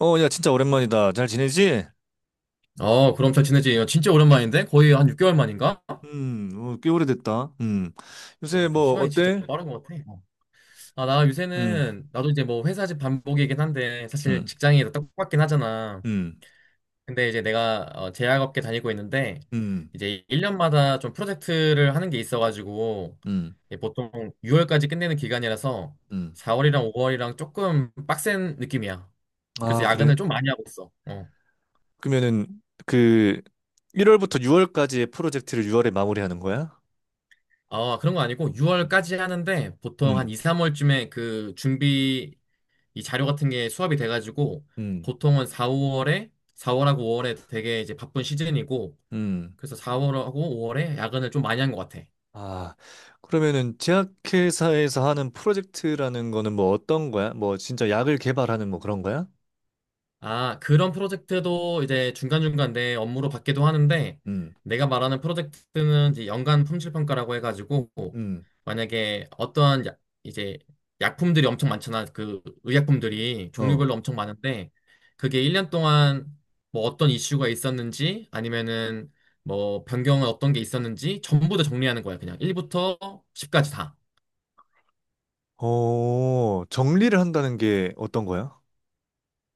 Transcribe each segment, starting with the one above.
어, 야, 진짜 오랜만이다. 잘 지내지? 어, 그럼 잘 지내지. 어, 진짜 오랜만인데? 거의 한 6개월 만인가? 어, 꽤 오래됐다. 음. 요새 그러니까 뭐, 시간이 진짜 어때? 빠른 것 같아. 어. 아, 나 음, 요새는, 나도 이제 뭐 회사집 반복이긴 한데, 사실 음, 직장이 다 똑같긴 하잖아. 음, 근데 이제 내가 제약업계 다니고 있는데, 음, 이제 1년마다 좀 프로젝트를 하는 게 있어가지고, 음, 이게 보통 6월까지 끝내는 기간이라서, 음. 4월이랑 5월이랑 조금 빡센 느낌이야. 그래서 아, 야근을 그래? 좀 많이 하고 있어. 어. 그러면은, 그, 1월부터 6월까지의 프로젝트를 6월에 마무리하는 거야? 아, 그런 거 아니고 음, 6월까지 하는데 보통 한 음, 2, 3월쯤에 그 준비 이 자료 같은 게 수합이 돼가지고 음. 보통은 4, 월에 4월하고 5월에 되게 이제 바쁜 시즌이고 음. 그래서 4월하고 5월에 야근을 좀 많이 한 것 같아. 아, 그러면은, 제약회사에서 하는 프로젝트라는 거는 뭐 어떤 거야? 뭐, 진짜 약을 개발하는 뭐 그런 거야? 아, 그런 프로젝트도 이제 중간중간 내 업무로 받기도 하는데, 음, 내가 말하는 프로젝트는 이제 연간 품질 평가라고 해가지고, 음, 만약에 어떠한 이제 약품들이 엄청 많잖아. 그 의약품들이 어. 종류별로 엄청 많은데, 그게 1년 동안 뭐 어떤 이슈가 있었는지, 아니면은 뭐 변경은 어떤 게 있었는지, 전부 다 정리하는 거야. 그냥 1부터 10까지 다. 어, 정리를 한다는 게 어떤 거야?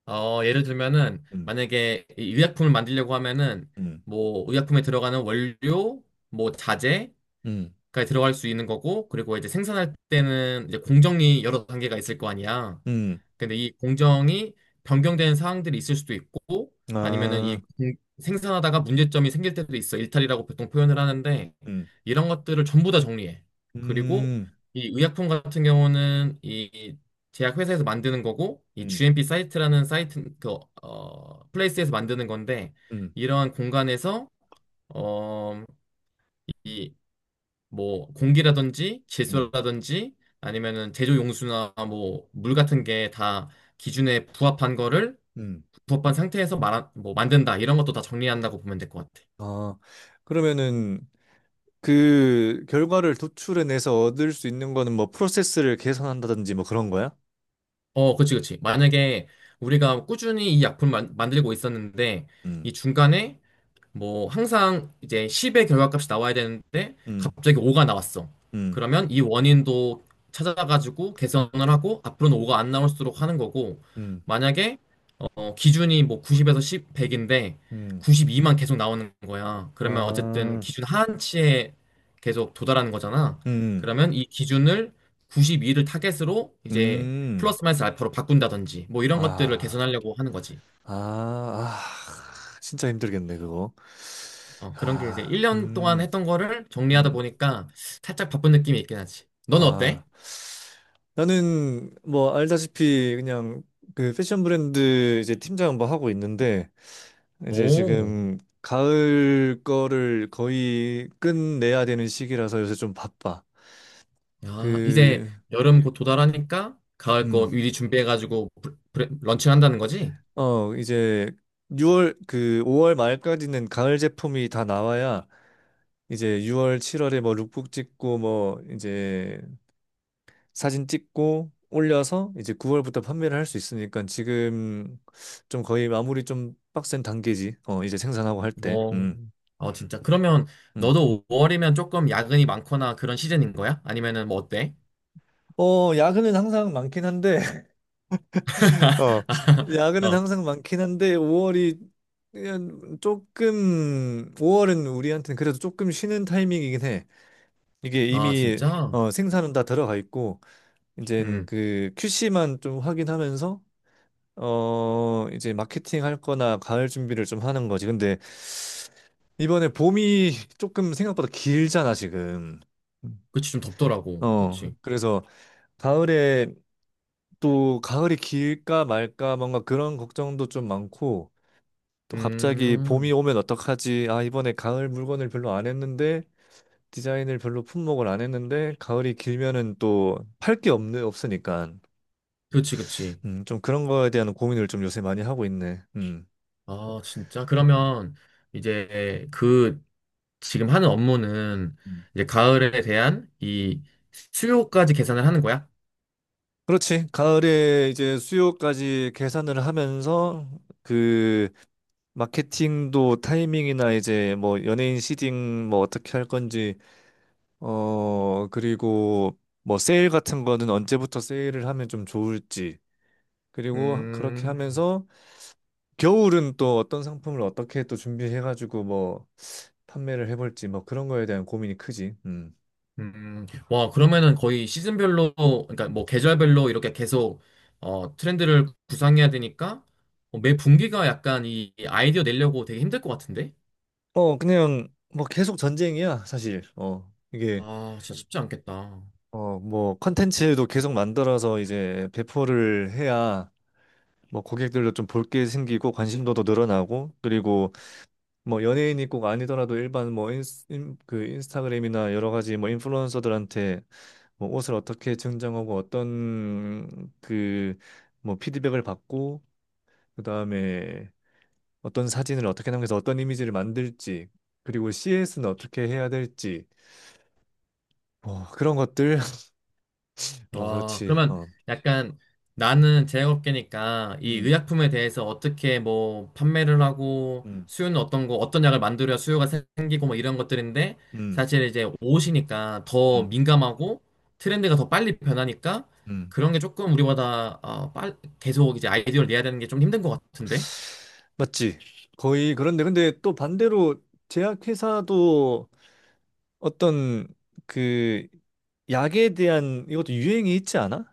어, 예를 들면은 음, 만약에 이 의약품을 만들려고 하면은 음, 뭐 의약품에 들어가는 원료, 뭐 자재까지 음, 들어갈 수 있는 거고 그리고 이제 생산할 때는 이제 공정이 여러 단계가 있을 거 아니야. 음, 근데 이 공정이 변경되는 사항들이 있을 수도 있고 아니면은 아, 이 생산하다가 문제점이 생길 때도 있어. 일탈이라고 보통 표현을 하는데 음, 이런 것들을 전부 다 정리해. 그리고 음, 이 의약품 같은 경우는 이 제약회사에서 만드는 거고 이 음, GMP 사이트라는 사이트 그 플레이스에서 만드는 건데 음, 이러한 공간에서 어, 이 뭐 공기라든지 음, 질소라든지 아니면은 제조 용수나 뭐 물 같은 게 다 기준에 부합한 거를 음. 부합한 상태에서 말한 뭐 만든다 이런 것도 다 정리한다고 보면 될 것 같아. 아, 그러면은 그 결과를 도출해내서 얻을 수 있는 거는 뭐 프로세스를 개선한다든지 뭐 그런 거야? 어, 그치, 그치. 만약에 우리가 꾸준히 이 약품을 만들고 있었는데 음, 이 중간에 뭐 항상 이제 10의 결과값이 나와야 되는데 음, 갑자기 5가 나왔어. 음, 그러면 이 원인도 찾아가지고 개선을 하고 앞으로는 5가 안 나올수록 하는 거고 음, 만약에 기준이 뭐 90에서 10, 100인데 음, 92만 계속 나오는 거야. 그러면 어쨌든 아, 기준 하한치에 계속 도달하는 거잖아. 음, 그러면 이 기준을 92를 타겟으로 이제 음, 플러스 마이너스 알파로 바꾼다든지 뭐 이런 것들을 아, 개선하려고 하는 거지. 아, 아, 진짜 힘들겠네, 그거. 어, 그런 게 이제 아, 1년 동안 했던 거를 정리하다 보니까 살짝 바쁜 느낌이 있긴 하지. 넌 아, 어때? 나는 뭐 알다시피 그냥 그 패션 브랜드 이제 팀장 뭐 하고 있는데 이제 오, 지금 가을 거를 거의 끝내야 되는 시기라서 요새 좀 바빠. 야, 이제 그, 여름 곧 도달하니까 가을 음, 거 미리 준비해가지고 런칭한다는 거지? 어, 이제 6월 그 5월 말까지는 가을 제품이 다 나와야 이제 6월, 7월에 뭐 룩북 찍고 뭐 이제 사진 찍고 올려서 이제 9월부터 판매를 할 수 있으니까 지금 좀 거의 마무리 좀 빡센 단계지. 어, 이제 생산하고 할 때. 어, 음. 어, 진짜. 그러면 음. 너도 5월이면 조금 야근이 많거나 그런 시즌인 거야? 아니면은 뭐 어때? 어, 야근은 항상 많긴 한데 어, 야근은 어. 항상 많긴 한데 5월이 조금 5월은 우리한테는 그래도 조금 쉬는 타이밍이긴 해. 이게 아, 이미 진짜? 어, 생산은 다 들어가 있고 이제 음, 그 QC만 좀 확인하면서 어, 이제 마케팅 할 거나 가을 준비를 좀 하는 거지. 근데 이번에 봄이 조금 생각보다 길잖아, 지금. 그치, 좀 덥더라고. 어, 그치. 그래서 가을에 또 가을이 길까 말까 뭔가 그런 걱정도 좀 많고 또 갑자기 봄이 음, 오면 어떡하지? 아, 이번에 가을 물건을 별로 안 했는데 디자인을 별로 품목을 안 했는데 가을이 길면은 또 팔게 없네, 없으니까. 그치, 그치. 좀 그런 거에 대한 고민을 좀 요새 많이 하고 있네. 음. 아, 진짜? 음, 그러면 이제 그 지금 하는 업무는 이제 가을에 대한 이 음. 수요까지 계산을 하는 거야? 그렇지. 가을에 이제 수요까지 계산을 하면서 그 마케팅도 타이밍이나 이제 뭐 연예인 시딩 뭐 어떻게 할 건지 어 그리고 뭐 세일 같은 거는 언제부터 세일을 하면 좀 좋을지 그리고 그렇게 음, 하면서 겨울은 또 어떤 상품을 어떻게 또 준비해가지고 뭐 판매를 해볼지 뭐 그런 거에 대한 고민이 크지. 음. 와, 그러면은 거의 시즌별로, 그러니까 뭐 계절별로 이렇게 계속 트렌드를 구상해야 되니까 매 분기가 약간 이 아이디어 내려고 되게 힘들 것 같은데? 어 그냥 뭐 계속 전쟁이야 사실. 어 이게 아, 진짜 쉽지 않겠다. 어, 뭐 컨텐츠도 계속 만들어서 이제 배포를 해야 뭐 고객들도 좀 볼 게 생기고 관심도도 늘어나고 그리고 뭐 연예인이 꼭 아니더라도 일반 뭐 그 인스타그램이나 여러 가지 뭐 인플루언서들한테 뭐 옷을 어떻게 증정하고 어떤 그 뭐 피드백을 받고 그다음에 어떤 사진을 어떻게 남겨서 어떤 이미지를 만들지 그리고 CS는 어떻게 해야 될지 뭐 그런 것들 어 어, 그렇지 그러면 어 약간 나는 제약업계니까 이 음 의약품에 대해서 어떻게 뭐 판매를 하고 음, 수요는 어떤 거, 어떤 약을 만들어야 수요가 생기고 뭐 이런 것들인데 음. 사실 이제 옷이니까 더 음. 민감하고 트렌드가 더 빨리 변하니까 음, 그런 게 조금 우리보다 계속 이제 아이디어를 내야 되는 게 좀 힘든 것 같은데. 맞지. 거의 그런데, 근데 또 반대로 제약회사도 어떤 그 약에 대한 이것도 유행이 있지 않아?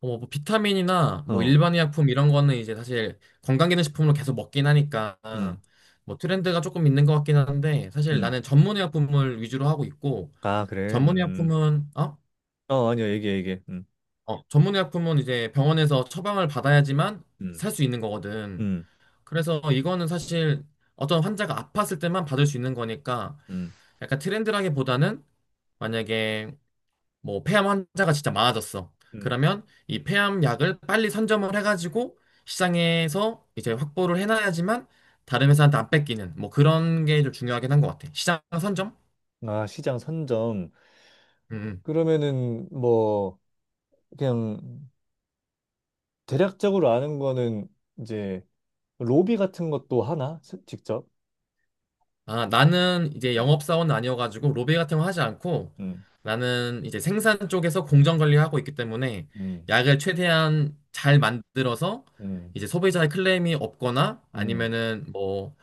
어뭐 비타민이나 뭐 어, 일반 의약품 이런 거는 이제 사실 건강기능식품으로 계속 먹긴 하니까 음, 뭐 트렌드가 조금 있는 것 같긴 한데 사실 음. 나는 전문 의약품을 위주로 하고 있고 아, 그래. 전문 음. 의약품은 어? 어, 아니야. 얘기해, 얘기해. 어, 전문 의약품은 이제 병원에서 처방을 받아야지만 음, 살 수 있는 거거든. 음, 그래서 이거는 사실 어떤 환자가 아팠을 때만 받을 수 있는 거니까 음, 약간 트렌드라기보다는 만약에 뭐 폐암 환자가 진짜 많아졌어. 음. 그러면 이 폐암 약을 빨리 선점을 해가지고 시장에서 이제 확보를 해놔야지만 다른 회사한테 안 뺏기는 뭐 그런 게 좀 중요하긴 한 것 같아. 시장 선점? 아, 시장 선정. 음. 음. 그러면은 뭐, 그냥 대략적으로 아는 거는 이제 로비 같은 것도 하나? 스- 직접? 아, 나는 이제 영업사원은 아니어가지고 로비 같은 거 하지 않고 음, 나는 이제 생산 쪽에서 공정 관리하고 있기 때문에 음, 약을 최대한 잘 만들어서 음, 이제 소비자의 클레임이 없거나 음. 아니면은 뭐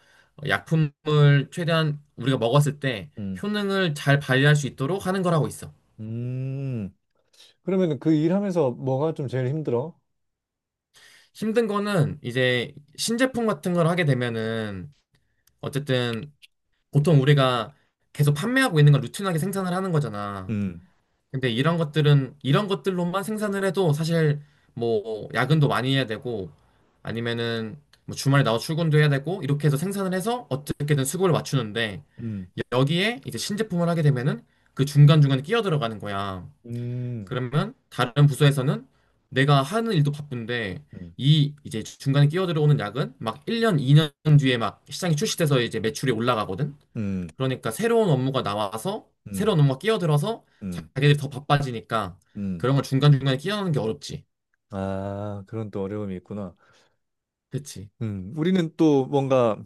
약품을 최대한 우리가 먹었을 때 음. 효능을 잘 발휘할 수 있도록 하는 걸 하고 있어. 음, 그러면 그 일하면서 뭐가 좀 제일 힘들어? 힘든 거는 이제 신제품 같은 걸 하게 되면은 어쨌든 보통 우리가 계속 판매하고 있는 걸 루틴하게 생산을 하는 거잖아. 음, 근데 이런 것들은 이런 것들로만 생산을 해도 사실 뭐 야근도 많이 해야 되고 아니면은 뭐 주말에 나와 출근도 해야 되고 이렇게 해서 생산을 해서 어떻게든 수급을 맞추는데 음, 여기에 이제 신제품을 하게 되면은 그 중간중간에 끼어 들어가는 거야. 음, 그러면 다른 부서에서는 내가 하는 일도 바쁜데 음, 이 이제 중간에 끼어 들어오는 약은 막 1년, 2년 뒤에 막 시장이 출시돼서 이제 매출이 올라가거든. 음, 그러니까 새로운 업무가 나와서 음, 새로운 업무가 끼어들어서 음, 자기들이 더 바빠지니까 음. 그런 걸 중간중간에 끼어넣는 게 어렵지. 아, 그런 또 어려움이 있구나. 그치? 우리는 또 뭔가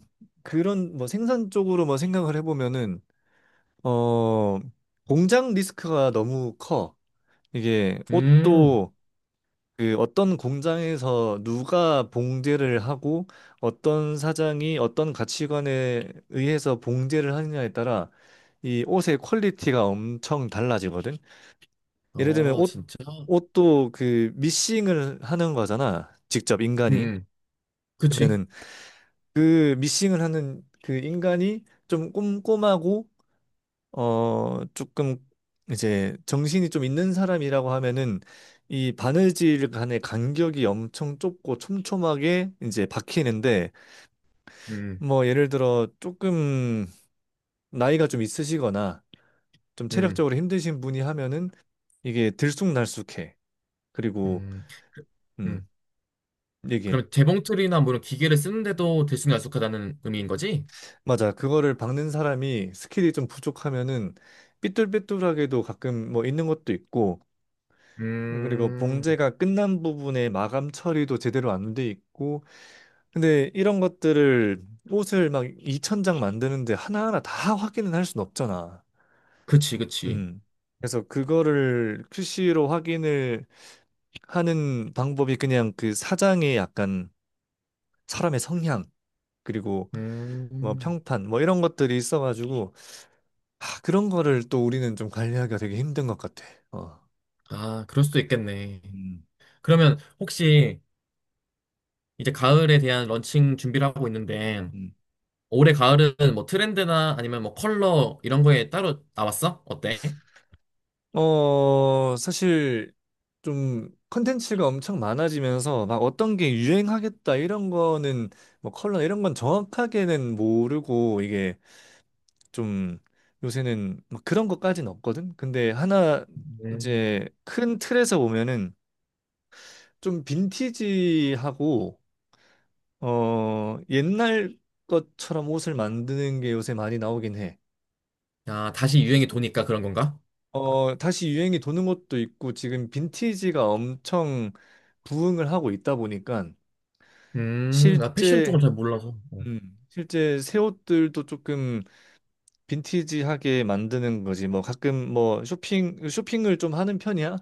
그런 뭐 생산 쪽으로 뭐 생각을 해보면은, 어, 공장 리스크가 너무 커. 이게 음. 옷도 그 어떤 공장에서 누가 봉제를 하고 어떤 사장이 어떤 가치관에 의해서 봉제를 하느냐에 따라 이 옷의 퀄리티가 엄청 달라지거든. 예를 들면 아, 옷 진짜? 옷도 그 미싱을 하는 거잖아. 직접 음. 인간이. 음. 그치? 그러면은 그 미싱을 하는 그 인간이 좀 꼼꼼하고 어, 조금 이제 정신이 좀 있는 사람이라고 하면은 이 바느질 간의 간격이 엄청 좁고 촘촘하게 이제 박히는데 음. 뭐 예를 들어 조금 나이가 좀 있으시거나 좀 음. 체력적으로 힘드신 분이 하면은 이게 들쑥날쑥해. 그리고 음. 음, 음. 이게 그럼 재봉틀이나 뭐 이런 기계를 쓰는데도 들쑥날쑥하다는 의미인 거지? 맞아. 그거를 박는 사람이 스킬이 좀 부족하면은 삐뚤빼뚤하게도 가끔 뭐 있는 것도 있고 그리고 음. 봉제가 끝난 부분의 마감 처리도 제대로 안 돼 있고 근데 이런 것들을 옷을 막 2천 장 만드는데 하나하나 다 확인은 할 순 없잖아. 그치, 그치. 음. 그래서 그거를 QC로 확인을 하는 방법이 그냥 그 사장의 약간 사람의 성향 그리고 뭐 음. 평판 뭐 이런 것들이 있어가지고 아, 그런 거를 또 우리는 좀 관리하기가 되게 힘든 것 같아. 어. 아, 그럴 수도 있겠네. 음, 그러면 혹시 이제 가을에 대한 런칭 준비를 하고 있는데 음. 올해 가을은 뭐 트렌드나 아니면 뭐 컬러 이런 거에 따로 나왔어? 어때? 어, 사실 좀 컨텐츠가 엄청 많아지면서 막 어떤 게 유행하겠다 이런 거는 뭐 컬러 이런 건 정확하게는 모르고 이게 좀 요새는 막 그런 것까지는 없거든. 근데 하나 음. 이제 큰 틀에서 보면은 좀 빈티지하고 어, 옛날 것처럼 옷을 만드는 게 요새 많이 나오긴 해. 아, 다시 유행이 도니까 그런 건가? 어, 다시 유행이 도는 것도 있고 지금 빈티지가 엄청 부흥을 하고 있다 보니까 나 패션 실제 쪽은 잘 몰라서. 어. 실제 새 옷들도 조금 빈티지하게 만드는 거지. 뭐 가끔 뭐 쇼핑을 좀 하는 편이야?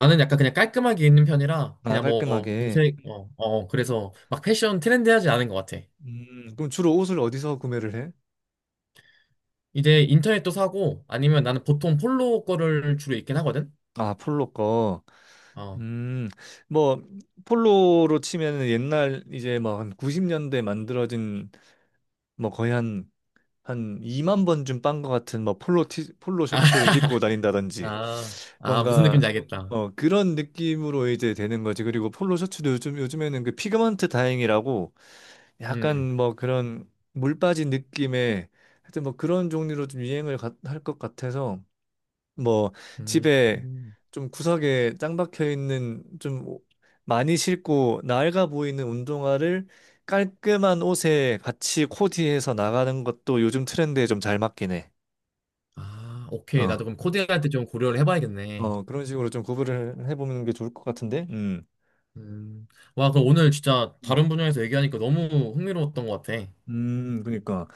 나는 약간 그냥 깔끔하게 입는 편이라 아, 그냥 뭐 깔끔하게. 무색, 그래서 막 패션 트렌디하지 않은 것 같아. 그럼 주로 옷을 어디서 구매를 해? 이제 인터넷도 사고 아니면 나는 보통 폴로 거를 주로 입긴 하거든? 아, 폴로 거. 어. 음, 뭐 폴로로 치면은 옛날 이제 뭐 한 90년대 만들어진 뭐 거의 한 2만 번쯤 빤 것 같은 뭐 폴로 티, 폴로 아, 셔츠를 입고 다닌다든지 아, 아, 무슨 뭔가 느낌인지 알겠다. 어 그런 느낌으로 이제 되는 거지. 그리고 폴로 셔츠도 요즘에는 그 피그먼트 다잉이라고 약간 음, 뭐 그런 물 빠진 느낌의 하여튼 뭐 그런 종류로 좀 유행을 할 것 같아서 뭐 집에 음. 좀 구석에 짱 박혀 있는 좀 오- 많이 싣고 낡아 보이는 운동화를 깔끔한 옷에 같이 코디해서 나가는 것도 요즘 트렌드에 좀 잘 맞긴 해. 아, 오케이. 어. 나도 그럼 코디할 때 좀 고려를 해봐야겠네. 어, 그런 식으로 좀 구분을 해보는 게 좋을 것 같은데. 음. 음. 와, 그럼 오늘 진짜 음, 다른 분야에서 얘기하니까 너무 흥미로웠던 것 같아. 그러니까.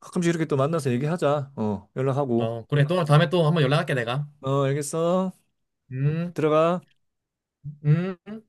가끔씩 이렇게 또 만나서 얘기하자. 어, 연락하고. 어, 그래. 또 다음에 또 한번 연락할게, 내가. 어, 알겠어. 음, 들어가. 음.